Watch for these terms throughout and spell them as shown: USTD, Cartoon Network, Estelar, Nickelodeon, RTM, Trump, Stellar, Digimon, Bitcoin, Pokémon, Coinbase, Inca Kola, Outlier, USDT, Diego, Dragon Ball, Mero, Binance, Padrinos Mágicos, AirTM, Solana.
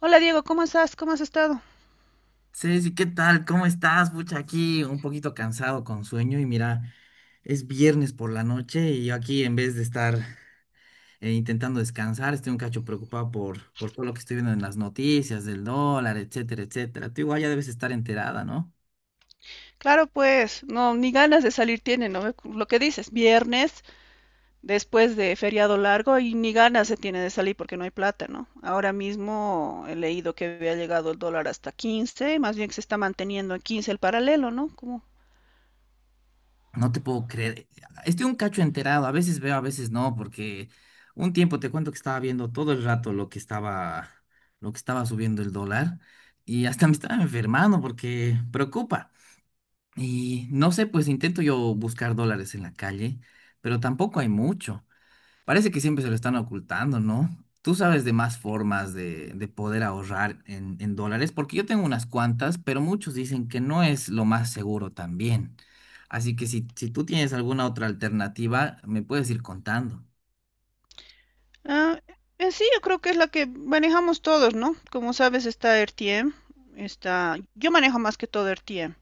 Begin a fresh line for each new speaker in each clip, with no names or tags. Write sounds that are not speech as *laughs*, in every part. Hola Diego, ¿cómo estás? ¿Cómo has estado?
Ceci, ¿qué tal? ¿Cómo estás? Pucha, aquí un poquito cansado con sueño y mira, es viernes por la noche y yo aquí en vez de estar intentando descansar, estoy un cacho preocupado por todo lo que estoy viendo en las noticias del dólar, etcétera, etcétera. Tú igual ya debes estar enterada, ¿no?
Claro, pues, no, ni ganas de salir tiene, ¿no? Lo que dices, viernes, después de feriado largo, y ni ganas se tiene de salir porque no hay plata, ¿no? Ahora mismo he leído que había llegado el dólar hasta 15, más bien que se está manteniendo en 15 el paralelo, ¿no? Como,
No te puedo creer. Estoy un cacho enterado, a veces veo, a veces no, porque un tiempo te cuento que estaba viendo todo el rato lo que estaba subiendo el dólar y hasta me estaba enfermando porque preocupa. Y no sé, pues intento yo buscar dólares en la calle, pero tampoco hay mucho. Parece que siempre se lo están ocultando, ¿no? Tú sabes de más formas de poder ahorrar en dólares, porque yo tengo unas cuantas, pero muchos dicen que no es lo más seguro también. Así que si tú tienes alguna otra alternativa, me puedes ir contando.
ah, en sí, yo creo que es la que manejamos todos, ¿no? Como sabes, está RTM, yo manejo más que todo RTM.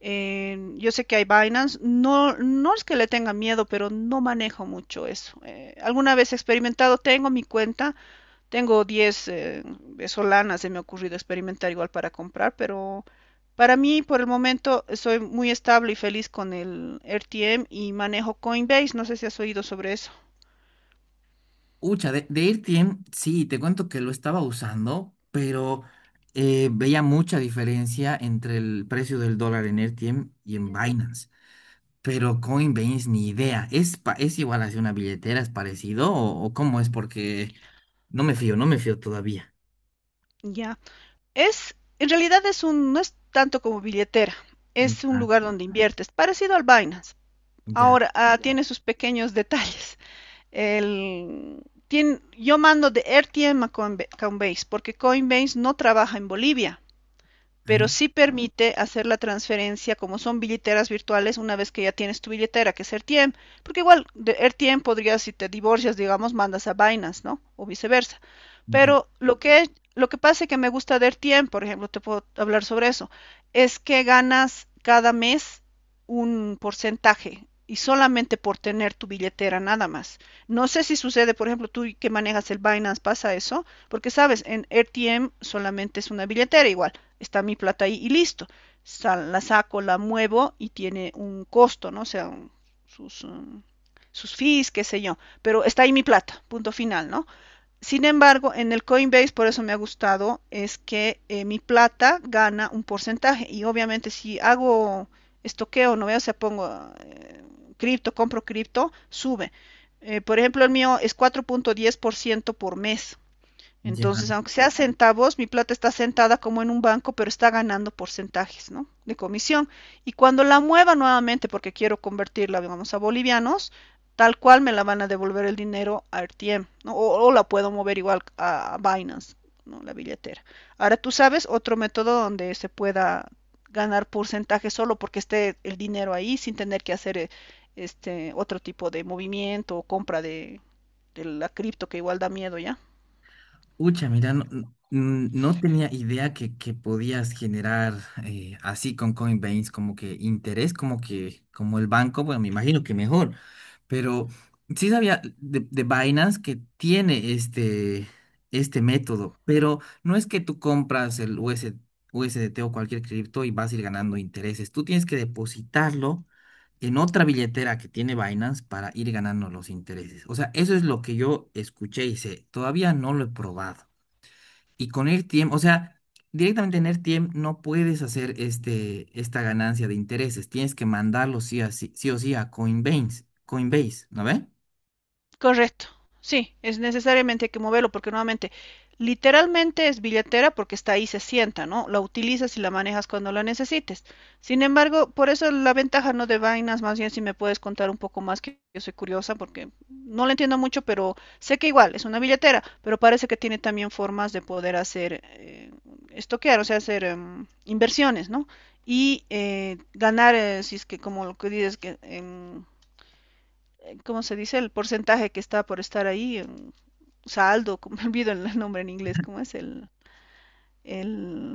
Yo sé que hay Binance, no, no es que le tenga miedo, pero no manejo mucho eso. Alguna vez he experimentado, tengo mi cuenta, tengo 10 solanas, se me ha ocurrido experimentar igual para comprar, pero para mí por el momento soy muy estable y feliz con el RTM y manejo Coinbase, no sé si has oído sobre eso.
Ucha, de AirTM, sí, te cuento que lo estaba usando, pero veía mucha diferencia entre el precio del dólar en AirTM y en Binance. Pero Coinbase ni idea. ¿Es, es igual hacia una billetera? ¿Es parecido? O cómo es? Porque no me fío todavía.
Ya, en realidad no es tanto como billetera, es un
Ya,
lugar donde inviertes, parecido al Binance.
ya,
Ahora, tiene sus pequeños detalles. el, yo mando de RTM a Coinbase porque Coinbase no trabaja en Bolivia pero
ah,
sí permite hacer la transferencia como son billeteras virtuales una vez que ya tienes tu billetera, que es AirTM, porque igual de AirTM podrías, si te divorcias, digamos, mandas a Binance, ¿no? O viceversa.
ya,
Pero lo que pasa es que me gusta de AirTM, por ejemplo, te puedo hablar sobre eso, es que ganas cada mes un porcentaje y solamente por tener tu billetera nada más. No sé si sucede, por ejemplo, tú que manejas el Binance, pasa eso, porque sabes, en RTM solamente es una billetera igual, está mi plata ahí y listo. Sal- la saco, la muevo y tiene un costo, ¿no? O sea, un- sus, um, sus fees, qué sé yo, pero está ahí mi plata, punto final, ¿no? Sin embargo, en el Coinbase, por eso me ha gustado, es que mi plata gana un porcentaje y obviamente si hago estoqueo, no veo, o sea, pongo eh, cripto, compro cripto, sube. Por ejemplo, el mío es 4.10% por ciento por mes. Entonces,
ya.
aunque sea centavos, mi plata está sentada como en un banco, pero está ganando porcentajes, ¿no? De comisión. Y cuando la mueva nuevamente, porque quiero convertirla, digamos, a bolivianos, tal cual me la van a devolver el dinero a RTM, ¿no? O la puedo mover igual a Binance, ¿no? La billetera. Ahora tú sabes otro método donde se pueda ganar porcentajes solo porque esté el dinero ahí sin tener que hacer este otro tipo de movimiento o compra de la cripto que igual da miedo ya.
Ucha, mira, no, no tenía idea que podías generar así con Coinbase como que interés, como que, como el banco, bueno, me imagino que mejor, pero sí sabía de Binance que tiene este método, pero no es que tú compras el US USDT o cualquier cripto y vas a ir ganando intereses, tú tienes que depositarlo en otra billetera que tiene Binance para ir ganando los intereses. O sea, eso es lo que yo escuché y sé, todavía no lo he probado. Y con RTM, o sea, directamente en RTM no puedes hacer esta ganancia de intereses. Tienes que mandarlo sí, sí o sí a Coinbase, Coinbase, ¿no ve?
Correcto. Sí, es necesariamente hay que moverlo porque nuevamente, literalmente es billetera porque está ahí, se sienta, ¿no? La utilizas y la manejas cuando la necesites. Sin embargo, por eso la ventaja no de vainas, más bien si me puedes contar un poco más, que yo soy curiosa porque no la entiendo mucho, pero sé que igual es una billetera, pero parece que tiene también formas de poder hacer, estoquear, o sea, hacer inversiones, ¿no? Y ganar, si es que como lo que dices, que ¿cómo se dice? El porcentaje que está por estar ahí, en saldo, *laughs* me olvido el nombre en inglés, ¿cómo es?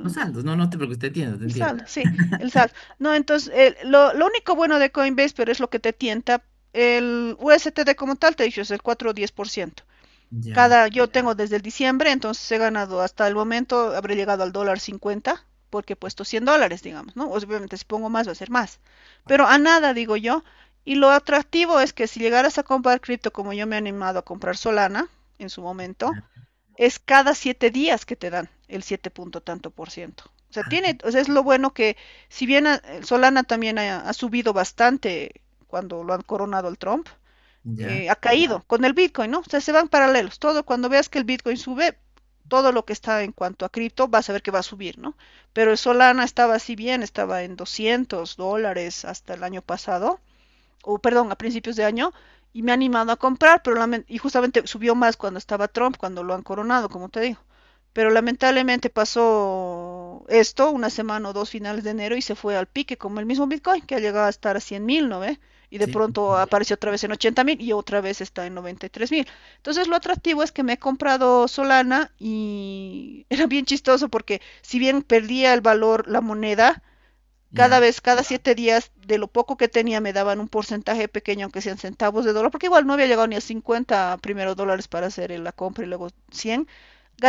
Los saldos, no, no te preocupes, te entiendo, te
el
entiendo.
saldo, sí, el saldo. No, entonces, lo único bueno de Coinbase, pero es lo que te tienta, el USTD como tal, te he dicho, es el 4 o 10%
Ya,
cada, yo tengo desde el diciembre, entonces he ganado hasta el momento, habré llegado al dólar 50, porque he puesto $100, digamos, ¿no? Obviamente si pongo más va a ser más. Pero a nada, digo yo. Y lo atractivo es que si llegaras a comprar cripto como yo me he animado a comprar Solana en su momento,
ya,
es cada 7 días que te dan el 7 punto tanto por ciento. O sea,
ah,
tiene, o sea, es lo bueno que si bien a- Solana también ha subido bastante cuando lo han coronado el Trump,
ya,
ha caído con el Bitcoin, ¿no? O sea, se van paralelos. Todo cuando veas que el Bitcoin sube, todo lo que está en cuanto a cripto, vas a ver que va a subir, ¿no? Pero el Solana estaba así bien, estaba en $200 hasta el año pasado o perdón, a principios de año, y me ha animado a comprar, pero y justamente subió más cuando estaba Trump, cuando lo han coronado, como te digo. Pero lamentablemente pasó esto, una semana o dos finales de enero, y se fue al pique, como el mismo Bitcoin, que ha llegado a estar a 100 mil, ¿no ve? Y de
sí,
pronto apareció otra vez en 80 mil y otra vez está en 93 mil. Entonces lo atractivo es que me he comprado Solana y *laughs* era bien chistoso porque si bien perdía el valor la moneda, cada
ya.
vez, cada 7 días, de lo poco que tenía, me daban un porcentaje pequeño, aunque sean centavos de dólar, porque igual no había llegado ni a 50 primero dólares para hacer la compra y luego 100,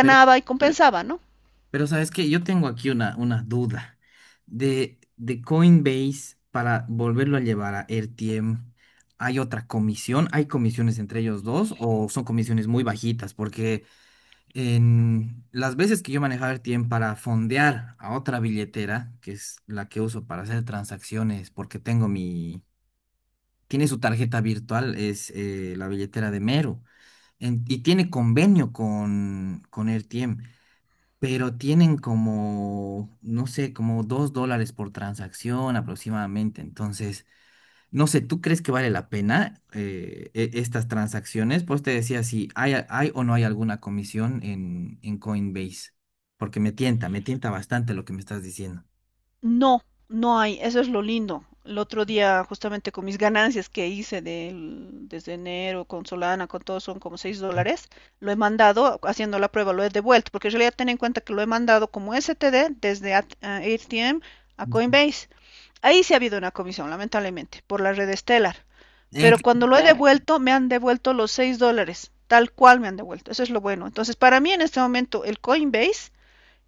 Pero,
y compensaba, ¿no?
pero ¿sabes que yo tengo aquí una duda de Coinbase para volverlo a llevar a RTM? ¿Hay otra comisión? ¿Hay comisiones entre ellos dos o son comisiones muy bajitas? Porque en las veces que yo manejaba el tiempo para fondear a otra billetera, que es la que uso para hacer transacciones, porque tengo mi, tiene su tarjeta virtual, es la billetera de Mero, y tiene convenio con Airtiem, pero tienen como, no sé, como dos dólares por transacción aproximadamente. Entonces, no sé, ¿tú crees que vale la pena estas transacciones? Pues te decía si hay, hay o no hay alguna comisión en Coinbase, porque me tienta bastante lo que me estás diciendo.
No, no hay, eso es lo lindo. El otro día, justamente con mis ganancias que hice del- desde enero con Solana, con todo, son como 6 dólares, lo he mandado, haciendo la prueba, lo he devuelto, porque en realidad ten en cuenta que lo he mandado como STD desde AT- a ATM a
*laughs*
Coinbase. Ahí sí ha habido una comisión, lamentablemente, por la red Stellar, pero
Ex-
cuando lo he, claro, devuelto, me han devuelto los 6 dólares, tal cual me han devuelto, eso es lo bueno. Entonces, para mí en este momento, el Coinbase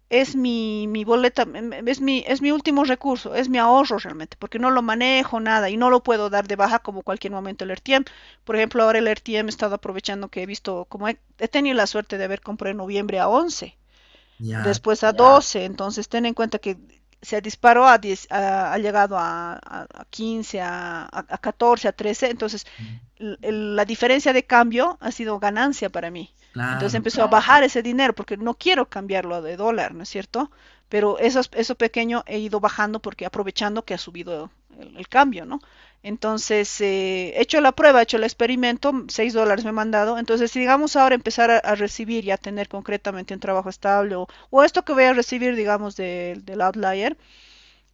es mi boleta, es mi último recurso, es mi ahorro realmente, porque no lo manejo nada y no lo puedo dar de baja como cualquier momento el RTM. Por ejemplo, ahora el RTM he estado aprovechando que he visto, como he tenido la suerte de haber comprado en noviembre a 11
ya,
después a 12 entonces ten en cuenta que se disparó a 10, ha llegado a 15, a 13, entonces la diferencia de cambio ha sido ganancia para mí. Entonces
claro,
empezó a, claro, bajar ese dinero porque no quiero cambiarlo de dólar, ¿no es cierto? Pero eso pequeño he ido bajando porque aprovechando que ha subido el cambio, ¿no? Entonces, he hecho la prueba, he hecho el experimento, 6 dólares me han mandado. Entonces, si digamos ahora empezar a recibir y a tener concretamente un trabajo estable o esto que voy a recibir, digamos, del Outlier,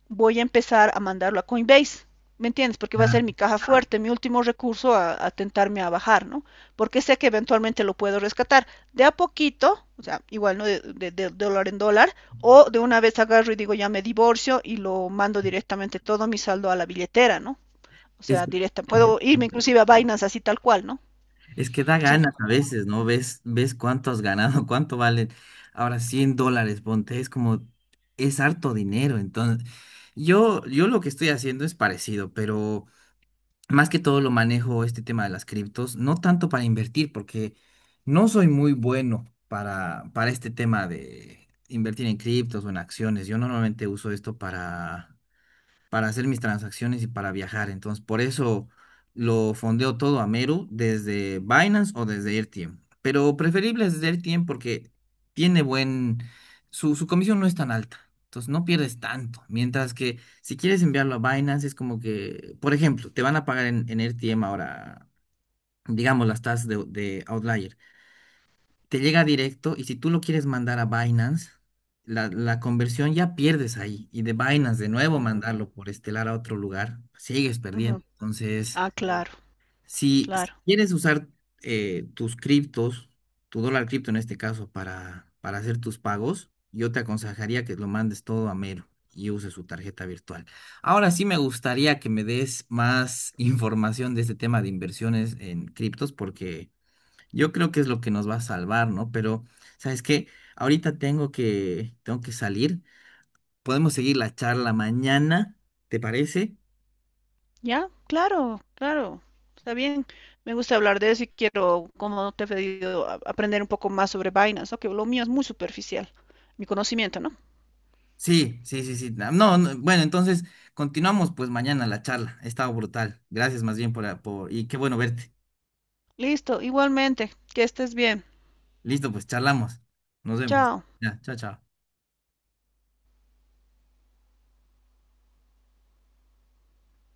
voy a empezar a mandarlo a Coinbase. ¿Me entiendes? Porque va a ser
ya.
mi caja fuerte, mi último recurso tentarme a bajar, ¿no? Porque sé que eventualmente lo puedo rescatar de a poquito, o sea, igual, ¿no? De dólar en dólar, o de una vez agarro y digo ya me divorcio y lo mando directamente todo mi saldo a la billetera, ¿no? O
Es
sea,
que,
directa. Puedo irme inclusive a Binance así tal cual, ¿no?
es que da
Sí.
ganas a veces, ¿no? Ves, ves cuánto has ganado, *laughs* cuánto valen. Ahora 100 dólares, ponte, es como, es harto dinero. Entonces, yo lo que estoy haciendo es parecido, pero más que todo lo manejo este tema de las criptos, no tanto para invertir, porque no soy muy bueno para este tema de invertir en criptos o en acciones. Yo normalmente uso esto para hacer mis transacciones y para viajar. Entonces, por eso lo fondeo todo a Meru desde Binance o desde RTM. Pero preferible es desde RTM porque tiene buen, su comisión no es tan alta. Entonces no pierdes tanto. Mientras que si quieres enviarlo a Binance, es como que, por ejemplo, te van a pagar en RTM ahora, digamos, las tasas de Outlier te llega directo y si tú lo quieres mandar a Binance, la conversión ya pierdes ahí. Y de Binance de nuevo
Mm,
mandarlo por Estelar a otro lugar, sigues
ujú.
perdiendo. Entonces,
Ah, claro,
si
claro.
quieres usar tus criptos, tu dólar cripto en este caso, para hacer tus pagos, yo te aconsejaría que lo mandes todo a Mero y uses su tarjeta virtual. Ahora sí me gustaría que me des más *laughs* información de este tema de inversiones en criptos porque yo creo que es lo que nos va a salvar, ¿no? Pero ¿sabes qué? Ahorita tengo que salir. Podemos seguir la charla mañana, ¿te parece?
Ya, claro, claro. Está bien. Me gusta hablar de eso y quiero, como te he pedido, aprender un poco más sobre Binance, ¿no? Que lo mío es muy superficial, mi conocimiento, ¿no?
Sí, sí, sí, sí. No, no, bueno, entonces continuamos pues mañana la charla. Ha estado brutal. Gracias más bien por, ah, por, y qué bueno verte.
Listo, igualmente. Que estés bien.
Listo, pues charlamos. Nos vemos.
Chao.
Ya, chao, chao.